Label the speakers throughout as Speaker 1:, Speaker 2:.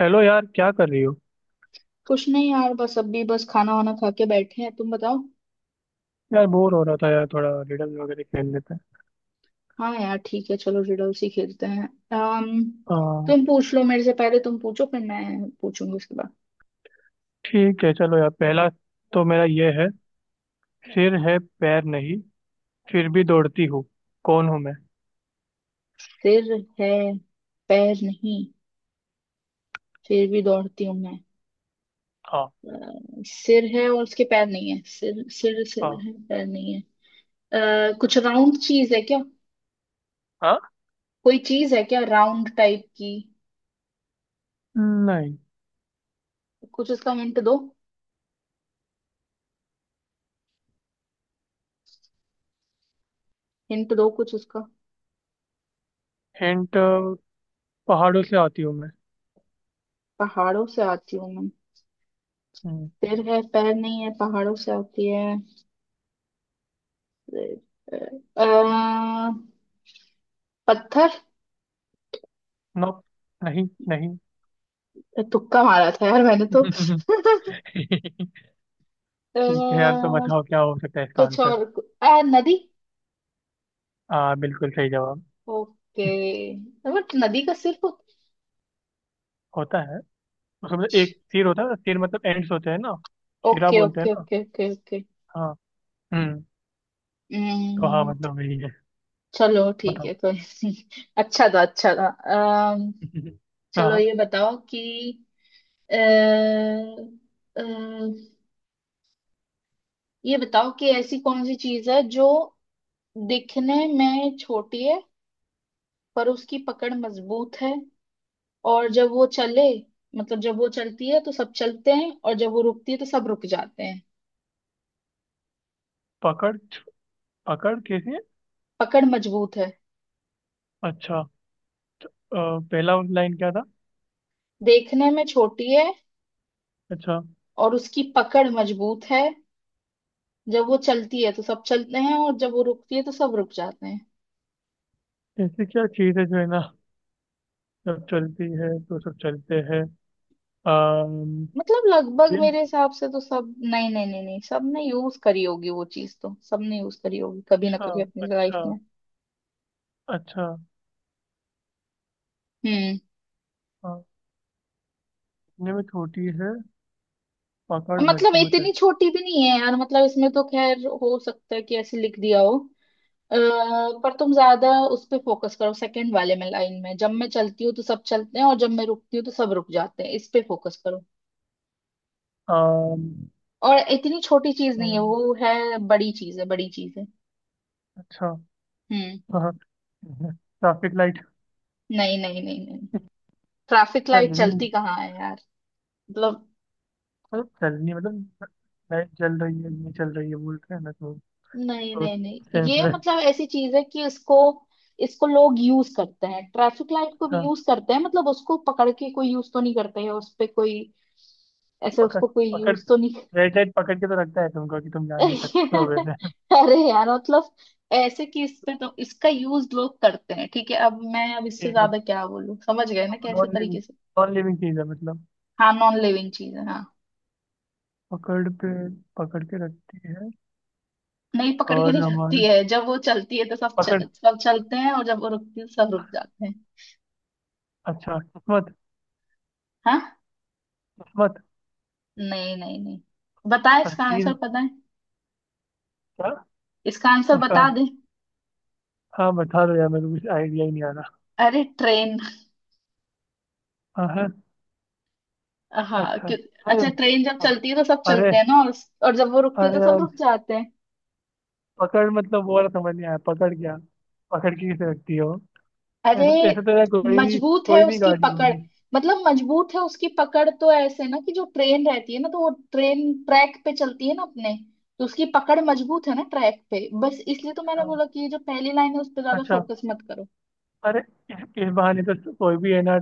Speaker 1: Hello यार, क्या कर रही हो?
Speaker 2: कुछ नहीं यार बस अभी बस खाना वाना खा के बैठे हैं। तुम बताओ।
Speaker 1: यार बोर हो रहा था, यार थोड़ा रिडल वगैरह खेल लेते हैं।
Speaker 2: हाँ यार, ठीक है, चलो रिडल्स ही खेलते हैं। अम
Speaker 1: हाँ,
Speaker 2: तुम पूछ लो, मेरे से पहले तुम पूछो, फिर मैं पूछूंगी उसके बाद।
Speaker 1: ठीक है। चलो यार, पहला। तो मेरा ये है। सिर है, पैर नहीं, फिर भी दौड़ती हूँ। कौन हूँ मैं?
Speaker 2: सिर है, पैर नहीं, फिर भी दौड़ती हूँ मैं।
Speaker 1: हाँ।
Speaker 2: सिर है और उसके पैर नहीं है, सिर सिर सिर
Speaker 1: हाँ।
Speaker 2: है पैर नहीं है। कुछ राउंड चीज है क्या?
Speaker 1: हाँ।
Speaker 2: कोई चीज है क्या, राउंड टाइप की?
Speaker 1: नहीं।
Speaker 2: कुछ उसका हिंट दो। हिंट दो कुछ उसका।
Speaker 1: हिंट। पहाड़ों से आती हूँ मैं।
Speaker 2: पहाड़ों से आती हूँ मैं।
Speaker 1: हम्म,
Speaker 2: सिर है, पैर नहीं है, पहाड़ों से आती है। अ, पत्थर।
Speaker 1: नो। नहीं, नहीं।
Speaker 2: तुक्का मारा था यार मैंने तो।
Speaker 1: ठीक है यार, तो बताओ क्या हो सकता है इसका
Speaker 2: कुछ
Speaker 1: आंसर?
Speaker 2: और नदी।
Speaker 1: हाँ, बिल्कुल सही जवाब।
Speaker 2: ओके। बट नदी का सिर्फ।
Speaker 1: होता है, उसमें एक सिर होता है। सिर मतलब एंड्स होते हैं ना। सिरा
Speaker 2: ओके,
Speaker 1: बोलते हैं
Speaker 2: ओके,
Speaker 1: ना।
Speaker 2: Okay, okay, okay.
Speaker 1: हाँ। हम्म, तो हाँ,
Speaker 2: हम्म।
Speaker 1: मतलब वही है।
Speaker 2: चलो ठीक
Speaker 1: बताओ।
Speaker 2: है, कोई नहीं। अच्छा था, अच्छा था। अम, चलो
Speaker 1: हाँ।
Speaker 2: अ, अ, ये बताओ कि ऐसी कौन सी चीज है जो दिखने में छोटी है, पर उसकी पकड़ मजबूत है, और जब वो चले मतलब जब वो चलती है तो सब चलते हैं और जब वो रुकती है तो सब रुक जाते हैं।
Speaker 1: पकड़? पकड़ कैसे?
Speaker 2: पकड़ मजबूत है।
Speaker 1: अच्छा। तो, पहला लाइन क्या था?
Speaker 2: देखने में छोटी है
Speaker 1: अच्छा।
Speaker 2: और उसकी पकड़ मजबूत है। जब वो चलती है तो सब चलते हैं और जब वो रुकती है तो सब रुक जाते हैं।
Speaker 1: ऐसी क्या चीज है जो है ना, जब चलती है तो सब चलते हैं? अम,
Speaker 2: मतलब लगभग
Speaker 1: दिल?
Speaker 2: मेरे हिसाब से तो सब, नहीं नहीं नहीं नहीं, सबने यूज करी होगी वो चीज, तो सबने यूज करी होगी कभी ना
Speaker 1: अच्छा।
Speaker 2: कभी अपनी लाइफ
Speaker 1: अच्छा।
Speaker 2: में।
Speaker 1: अच्छा।
Speaker 2: हम्म।
Speaker 1: हाँ, दिखने में छोटी है, पकड़
Speaker 2: मतलब
Speaker 1: मजबूत है।
Speaker 2: इतनी छोटी भी नहीं है यार, मतलब इसमें तो खैर हो सकता है कि ऐसे लिख दिया हो। अ, पर तुम ज्यादा उस पे फोकस करो, सेकंड वाले में, लाइन में, जब मैं चलती हूँ तो सब चलते हैं और जब मैं रुकती हूँ तो सब रुक जाते हैं, इस पे फोकस करो।
Speaker 1: अम,
Speaker 2: और इतनी छोटी चीज नहीं है
Speaker 1: अम,
Speaker 2: वो, है बड़ी चीज है, बड़ी चीज है।
Speaker 1: अच्छा।
Speaker 2: हम्म।
Speaker 1: हाँ। Traffic light?
Speaker 2: नहीं नहीं नहीं नहीं। Traffic light
Speaker 1: living?
Speaker 2: चलती कहाँ है यार? मतलब।
Speaker 1: मतलब चलनी मतलब। लाइट जल रही है, नहीं चल रही है, बोल रहे हैं ना तो।
Speaker 2: नहीं
Speaker 1: तो।
Speaker 2: नहीं नहीं, ये मतलब ऐसी चीज है कि इसको इसको लोग यूज करते हैं, ट्रैफिक लाइट को
Speaker 1: अच्छा।
Speaker 2: भी यूज करते हैं, मतलब उसको पकड़ के कोई यूज तो नहीं करते है, उस पे कोई ऐसे
Speaker 1: पकड़।
Speaker 2: उसको कोई
Speaker 1: पकड़।
Speaker 2: यूज तो नहीं।
Speaker 1: रेड लाइट पकड़ के तो रखता है तुमको कि तुम जा नहीं सकते हो वैसे।
Speaker 2: अरे यार मतलब, ऐसे कि इस पे तो इसका यूज लोग करते हैं, ठीक है? अब इससे
Speaker 1: ठीक है।
Speaker 2: ज्यादा क्या बोलूं, समझ गए ना कैसे
Speaker 1: नॉन लिविंग।
Speaker 2: तरीके से?
Speaker 1: नॉन लिविंग चीज है मतलब।
Speaker 2: हाँ, नॉन लिविंग चीज है, हाँ।
Speaker 1: पकड़ पे, पकड़ के रखती है।
Speaker 2: नहीं, पकड़ के
Speaker 1: और
Speaker 2: नहीं रखती
Speaker 1: हमारे।
Speaker 2: है, जब वो चलती है तो
Speaker 1: पकड़।
Speaker 2: सब चलते हैं और जब वो रुकती है तो सब रुक जाते हैं।
Speaker 1: अच्छा, किस्मत?
Speaker 2: हाँ।
Speaker 1: किस्मत।
Speaker 2: नहीं नहीं नहीं। बताए
Speaker 1: अब
Speaker 2: इसका
Speaker 1: चीज
Speaker 2: आंसर पता है?
Speaker 1: क्या?
Speaker 2: इसका आंसर बता
Speaker 1: निशान?
Speaker 2: दे।
Speaker 1: हाँ, बता दो यार, मेरे को कुछ आइडिया ही नहीं आ रहा।
Speaker 2: अरे, ट्रेन।
Speaker 1: हाँ, हाँ।
Speaker 2: हाँ
Speaker 1: अच्छा।
Speaker 2: क्यों?
Speaker 1: अरे।
Speaker 2: अच्छा, ट्रेन जब चलती है तो सब
Speaker 1: अरे।
Speaker 2: चलते हैं ना, और जब वो रुकती है
Speaker 1: अरे
Speaker 2: तो सब
Speaker 1: यार।
Speaker 2: रुक जाते हैं।
Speaker 1: पकड़ मतलब, वो वाला समझ नहीं आया। पकड़ क्या? पकड़ के किसे रखती है वो?
Speaker 2: अरे,
Speaker 1: ऐसे ऐसे तो यार,
Speaker 2: मजबूत है
Speaker 1: कोई भी
Speaker 2: उसकी
Speaker 1: गाड़ी
Speaker 2: पकड़।
Speaker 1: होगी।
Speaker 2: मतलब मजबूत है उसकी पकड़, तो ऐसे ना कि जो ट्रेन रहती है ना, तो वो ट्रेन ट्रैक पे चलती है ना अपने, तो उसकी पकड़ मजबूत है ना ट्रैक पे, बस इसलिए तो मैंने
Speaker 1: हाँ,
Speaker 2: बोला कि ये जो पहली लाइन है उस पर ज्यादा
Speaker 1: अच्छा।
Speaker 2: फोकस मत करो।
Speaker 1: अरे। इस बहाने तो कोई भी है ना।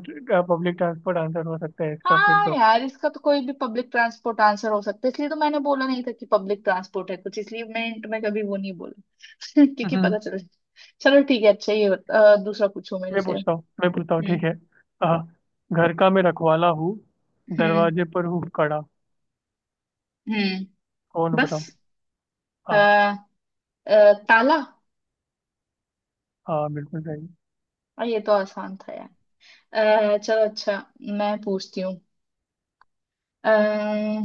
Speaker 1: पब्लिक ट्रांसपोर्ट आंसर हो सकता है इसका फिर
Speaker 2: हाँ
Speaker 1: तो।
Speaker 2: यार, इसका तो कोई भी पब्लिक ट्रांसपोर्ट आंसर हो सकता है, इसलिए तो मैंने बोला नहीं था कि पब्लिक ट्रांसपोर्ट है कुछ, इसलिए मैं hint में कभी वो नहीं बोला, क्योंकि
Speaker 1: हम्म।
Speaker 2: पता चल। चलो ठीक है, अच्छा दूसरा पूछो मेरे
Speaker 1: मैं
Speaker 2: से।
Speaker 1: पूछता हूँ, मैं पूछता हूँ, ठीक
Speaker 2: हम्म।
Speaker 1: है? हाँ। घर का मैं रखवाला हूँ,
Speaker 2: हम्म।
Speaker 1: दरवाजे पर हूँ कड़ा।
Speaker 2: हम्म।
Speaker 1: कौन हो बताओ?
Speaker 2: बस। अ,
Speaker 1: हाँ।
Speaker 2: ताला।
Speaker 1: हाँ, बिल्कुल सही।
Speaker 2: और ये तो आसान था यार। चलो अच्छा, मैं पूछती हूँ। अ,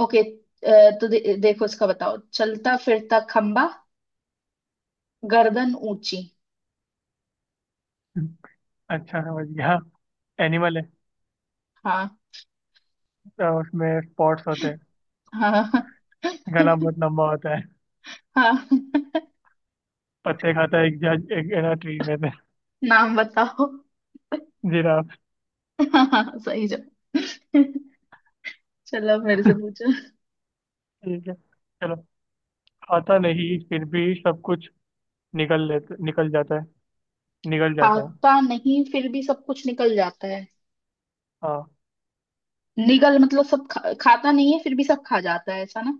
Speaker 2: ओके, तो देखो इसका, बताओ। चलता फिरता खंबा, गर्दन ऊंची।
Speaker 1: हम्म, अच्छा, समझ गया। एनिमल है?
Speaker 2: हाँ।
Speaker 1: तो उसमें स्पॉट्स होते हैं?
Speaker 2: हाँ।
Speaker 1: गला बहुत लंबा होता है?
Speaker 2: हाँ।
Speaker 1: पत्ते खाता है, एक जज, एक है ना ट्री में से?
Speaker 2: नाम बताओ।
Speaker 1: जिराफ।
Speaker 2: हाँ सही जवाब। चलो मेरे से पूछो।
Speaker 1: ठीक है, चलो। खाता नहीं फिर भी सब कुछ निकल जाता है, निकल जाता है।
Speaker 2: खाता नहीं फिर भी सब कुछ निकल जाता है।
Speaker 1: हाँ।
Speaker 2: निगल मतलब सब खाता नहीं है फिर भी सब खा जाता है, ऐसा ना?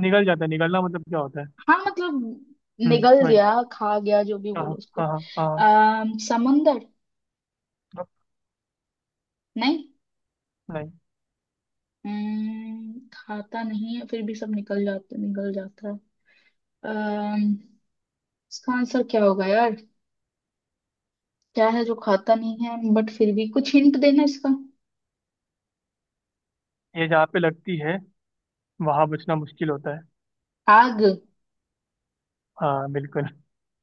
Speaker 1: निकल जाता है। निकलना मतलब क्या होता है?
Speaker 2: हाँ मतलब
Speaker 1: हम्म,
Speaker 2: निगल
Speaker 1: वही।
Speaker 2: गया, खा गया, जो भी
Speaker 1: हाँ,
Speaker 2: बोलो उसको।
Speaker 1: हाँ, हाँ, हाँ, हाँ,
Speaker 2: अः समंदर।
Speaker 1: हाँ,
Speaker 2: नहीं।
Speaker 1: नहीं।
Speaker 2: खाता नहीं है फिर भी सब निकल जाता है। अम्म, इसका आंसर क्या होगा यार? क्या है जो खाता नहीं है बट फिर भी, कुछ हिंट देना इसका।
Speaker 1: ये जहाँ पे लगती है, वहां बचना मुश्किल होता है।
Speaker 2: आग।
Speaker 1: हाँ, बिल्कुल।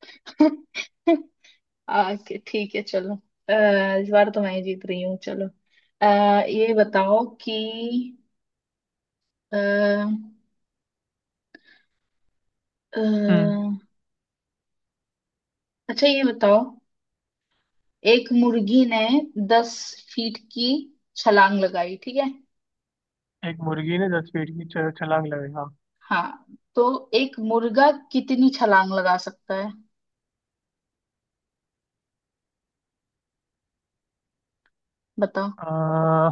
Speaker 2: आग ठीक है चलो। अः इस बार तो मैं ही जीत रही हूँ, चलो। अः ये बताओ कि अः
Speaker 1: हम्म।
Speaker 2: अच्छा ये बताओ। एक मुर्गी ने 10 फीट की छलांग लगाई, ठीक है?
Speaker 1: एक मुर्गी ने 10 फीट की छलांग लगाई, हाँ।
Speaker 2: हाँ। तो एक मुर्गा कितनी छलांग लगा सकता है, बताओ?
Speaker 1: आ,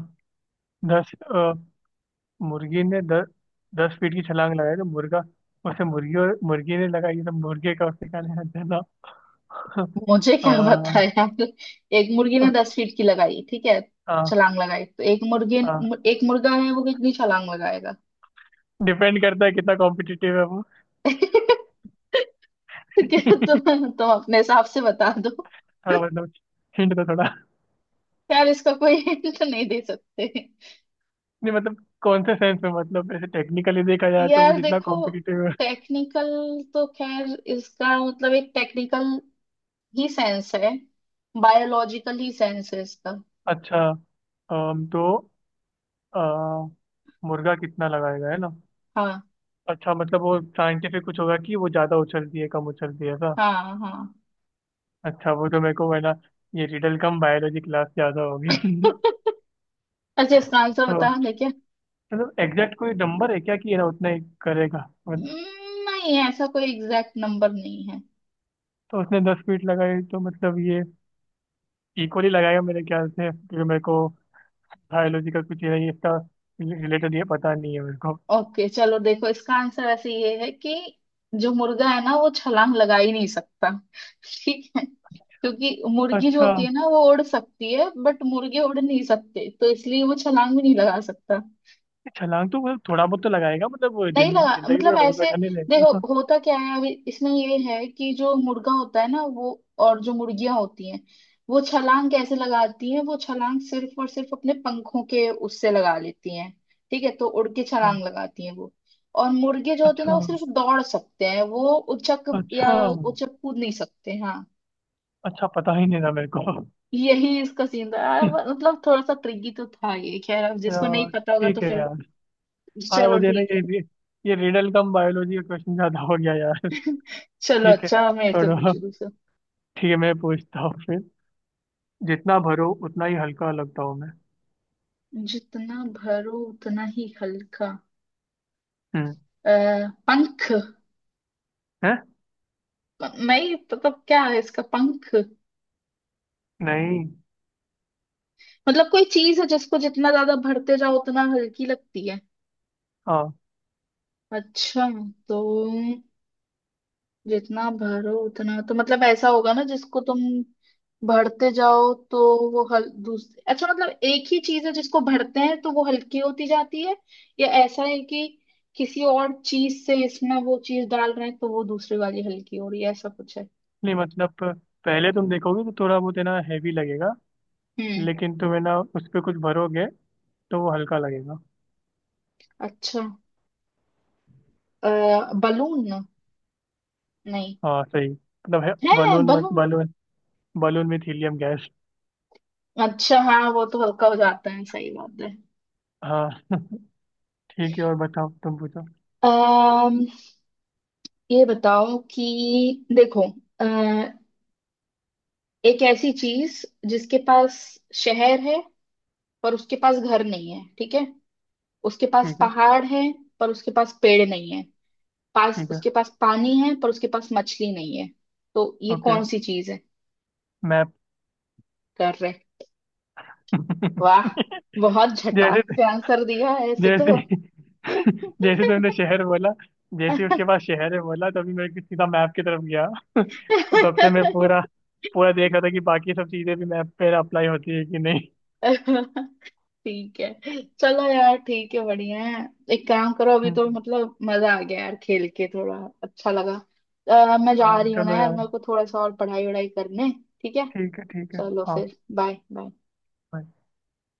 Speaker 1: 10, मुर्गी ने दस दस फीट की छलांग लगाई तो मुर्गा। उसे मुर्गी, और मुर्गी ने लगाई तो मुर्गे का उससे क्या लेना देना?
Speaker 2: मुझे क्या पता
Speaker 1: हाँ,
Speaker 2: है यार। एक मुर्गी ने दस फीट की लगाई, ठीक है, छलांग लगाई, तो एक मुर्गी,
Speaker 1: हाँ।
Speaker 2: एक मुर्गा है, वो कितनी छलांग लगाएगा?
Speaker 1: डिपेंड करता है कितना कॉम्पिटिटिव है वो।
Speaker 2: क्या तुम अपने हिसाब से बता दो।
Speaker 1: थोड़ा मतलब, हिंट तो थोड़ा।
Speaker 2: यार इसका कोई हिंट नहीं दे सकते।
Speaker 1: नहीं मतलब कौन से सेंस में, मतलब ऐसे टेक्निकली देखा जाए तो वो
Speaker 2: यार
Speaker 1: जितना
Speaker 2: देखो,
Speaker 1: कॉम्पिटिटिव है।
Speaker 2: टेक्निकल तो खैर, इसका मतलब एक टेक्निकल ही सेंस है, बायोलॉजिकल ही सेंस है इसका।
Speaker 1: अच्छा। तो, अ, मुर्गा कितना लगाएगा है ना?
Speaker 2: हाँ
Speaker 1: अच्छा, मतलब वो साइंटिफिक कुछ होगा कि वो ज़्यादा उछलती है, कम उछलती है, ऐसा?
Speaker 2: हाँ हाँ।
Speaker 1: अच्छा, वो तो मेरे को है ना। ये रिडल कम, बायोलॉजी क्लास ज़्यादा होगी।
Speaker 2: अच्छा इसका आंसर बता,
Speaker 1: तो,
Speaker 2: देखिए।
Speaker 1: मतलब एग्जैक्ट कोई नंबर है क्या कि ये ना उतना ही करेगा? मतलब,
Speaker 2: नहीं, ऐसा कोई एग्जैक्ट नंबर नहीं है।
Speaker 1: तो उसने 10 फीट लगाई तो मतलब ये। इक्वली लगाएगा मेरे ख्याल से, क्योंकि मेरे को। बायोलॉजी का कुछ ये नहीं इसका। रिलेटेड, ये पता नहीं है मेरे।
Speaker 2: ओके चलो देखो, इसका आंसर ऐसे ये है कि जो मुर्गा है ना, वो छलांग लगा ही नहीं सकता, ठीक है? क्योंकि मुर्गी जो
Speaker 1: अच्छा।
Speaker 2: होती है ना, वो उड़ सकती है, बट मुर्गे उड़ नहीं सकते, तो इसलिए वो छलांग भी नहीं लगा सकता।
Speaker 1: ये छलांग तो मतलब थोड़ा बहुत तो लगाएगा, मतलब
Speaker 2: नहीं
Speaker 1: जिन
Speaker 2: लगा,
Speaker 1: जिंदगी भर
Speaker 2: मतलब
Speaker 1: वही
Speaker 2: ऐसे
Speaker 1: बैठा नहीं रहेगा।
Speaker 2: देखो, होता क्या है अभी इसमें ये है कि जो मुर्गा होता है ना वो, और जो मुर्गियां होती हैं, वो छलांग कैसे लगाती हैं, वो छलांग सिर्फ और सिर्फ अपने पंखों के उससे लगा लेती हैं, ठीक है, तो उड़ के
Speaker 1: ना।
Speaker 2: छलांग लगाती हैं वो, और मुर्गे जो होते हैं ना,
Speaker 1: अच्छा।
Speaker 2: वो सिर्फ दौड़ सकते हैं, वो उछक या
Speaker 1: अच्छा।
Speaker 2: उछक कूद नहीं सकते, हाँ।
Speaker 1: अच्छा, पता ही नहीं था मेरे को।
Speaker 2: यही इसका सीन था। मतलब थोड़ा सा ट्रिकी तो था ये, खैर अब जिसको नहीं
Speaker 1: यार,
Speaker 2: पता होगा तो
Speaker 1: ठीक है
Speaker 2: फिर।
Speaker 1: यार। हाँ,
Speaker 2: चलो
Speaker 1: मुझे ना
Speaker 2: ठीक
Speaker 1: ये
Speaker 2: है।
Speaker 1: भी। ये रिडल कम, बायोलॉजी का क्वेश्चन ज्यादा हो गया यार।
Speaker 2: चलो
Speaker 1: ठीक है,
Speaker 2: अच्छा, मेरे से
Speaker 1: छोड़ो।
Speaker 2: पूछो।
Speaker 1: ठीक है, मैं पूछता हूँ फिर। जितना भरो उतना ही हल्का लगता हूँ मैं।
Speaker 2: जितना भरो उतना ही हल्का।
Speaker 1: हम्म।
Speaker 2: अ, पंख।
Speaker 1: है।
Speaker 2: नहीं, मतलब क्या है इसका पंख?
Speaker 1: नहीं।
Speaker 2: मतलब कोई चीज है जिसको जितना ज्यादा भरते जाओ उतना हल्की लगती है?
Speaker 1: हाँ।
Speaker 2: अच्छा, तो जितना भरो उतना, तो मतलब ऐसा होगा ना जिसको तुम भरते जाओ तो वो हल, दूसरे अच्छा, मतलब एक ही चीज है जिसको भरते हैं तो वो हल्की होती जाती है, या ऐसा है कि किसी और चीज से इसमें वो चीज डाल रहे हैं तो वो दूसरी वाली हल्की हो रही है, ऐसा कुछ है?
Speaker 1: नहीं मतलब, पहले तुम देखोगे तो थोड़ा बहुत है ना, हैवी लगेगा।
Speaker 2: हम्म।
Speaker 1: लेकिन तुम है ना उस पर कुछ भरोगे, तो वो हल्का लगेगा।
Speaker 2: अच्छा। अ, बलून। नहीं,
Speaker 1: हाँ, सही मतलब है,
Speaker 2: है
Speaker 1: बलून, मत
Speaker 2: balloon.
Speaker 1: Balloon. Balloon with helium gas.
Speaker 2: अच्छा हाँ, वो तो हल्का हो जाता है, सही बात है।
Speaker 1: हाँ। ठीक है, और बताओ, तुम पूछो।
Speaker 2: अम्म ये बताओ कि देखो, अ, एक ऐसी चीज जिसके पास शहर है पर उसके पास घर नहीं है, ठीक है? उसके पास
Speaker 1: ठीक है।
Speaker 2: पहाड़ है पर उसके पास पेड़ नहीं है, पास
Speaker 1: ठीक है।
Speaker 2: उसके पास पानी है पर उसके पास मछली नहीं है, तो ये
Speaker 1: ओके।
Speaker 2: कौन सी चीज है?
Speaker 1: मैप।
Speaker 2: कर रहे। वाह, बहुत
Speaker 1: जैसे
Speaker 2: झटाक से आंसर दिया है ऐसे तो।
Speaker 1: जैसे जैसे तुमने शहर बोला, जैसे ही उसके पास शहर है बोला, तभी मैं सीधा मैप की तरफ गया। और तब से मैं पूरा, पूरा देख रहा था कि बाकी सब चीजें भी मैप पे अप्लाई होती है कि नहीं।
Speaker 2: ठीक है चलो यार, ठीक है, बढ़िया है। एक काम करो, अभी तो
Speaker 1: हम्म,
Speaker 2: मतलब मजा आ गया यार, खेल के थोड़ा अच्छा लगा। मैं जा
Speaker 1: हाँ,
Speaker 2: रही हूँ
Speaker 1: चलो
Speaker 2: ना यार,
Speaker 1: यार।
Speaker 2: मेरे को थोड़ा सा और पढ़ाई वढ़ाई करने। ठीक है
Speaker 1: ठीक है। ठीक है।
Speaker 2: चलो,
Speaker 1: हाँ,
Speaker 2: फिर बाय बाय।
Speaker 1: bye.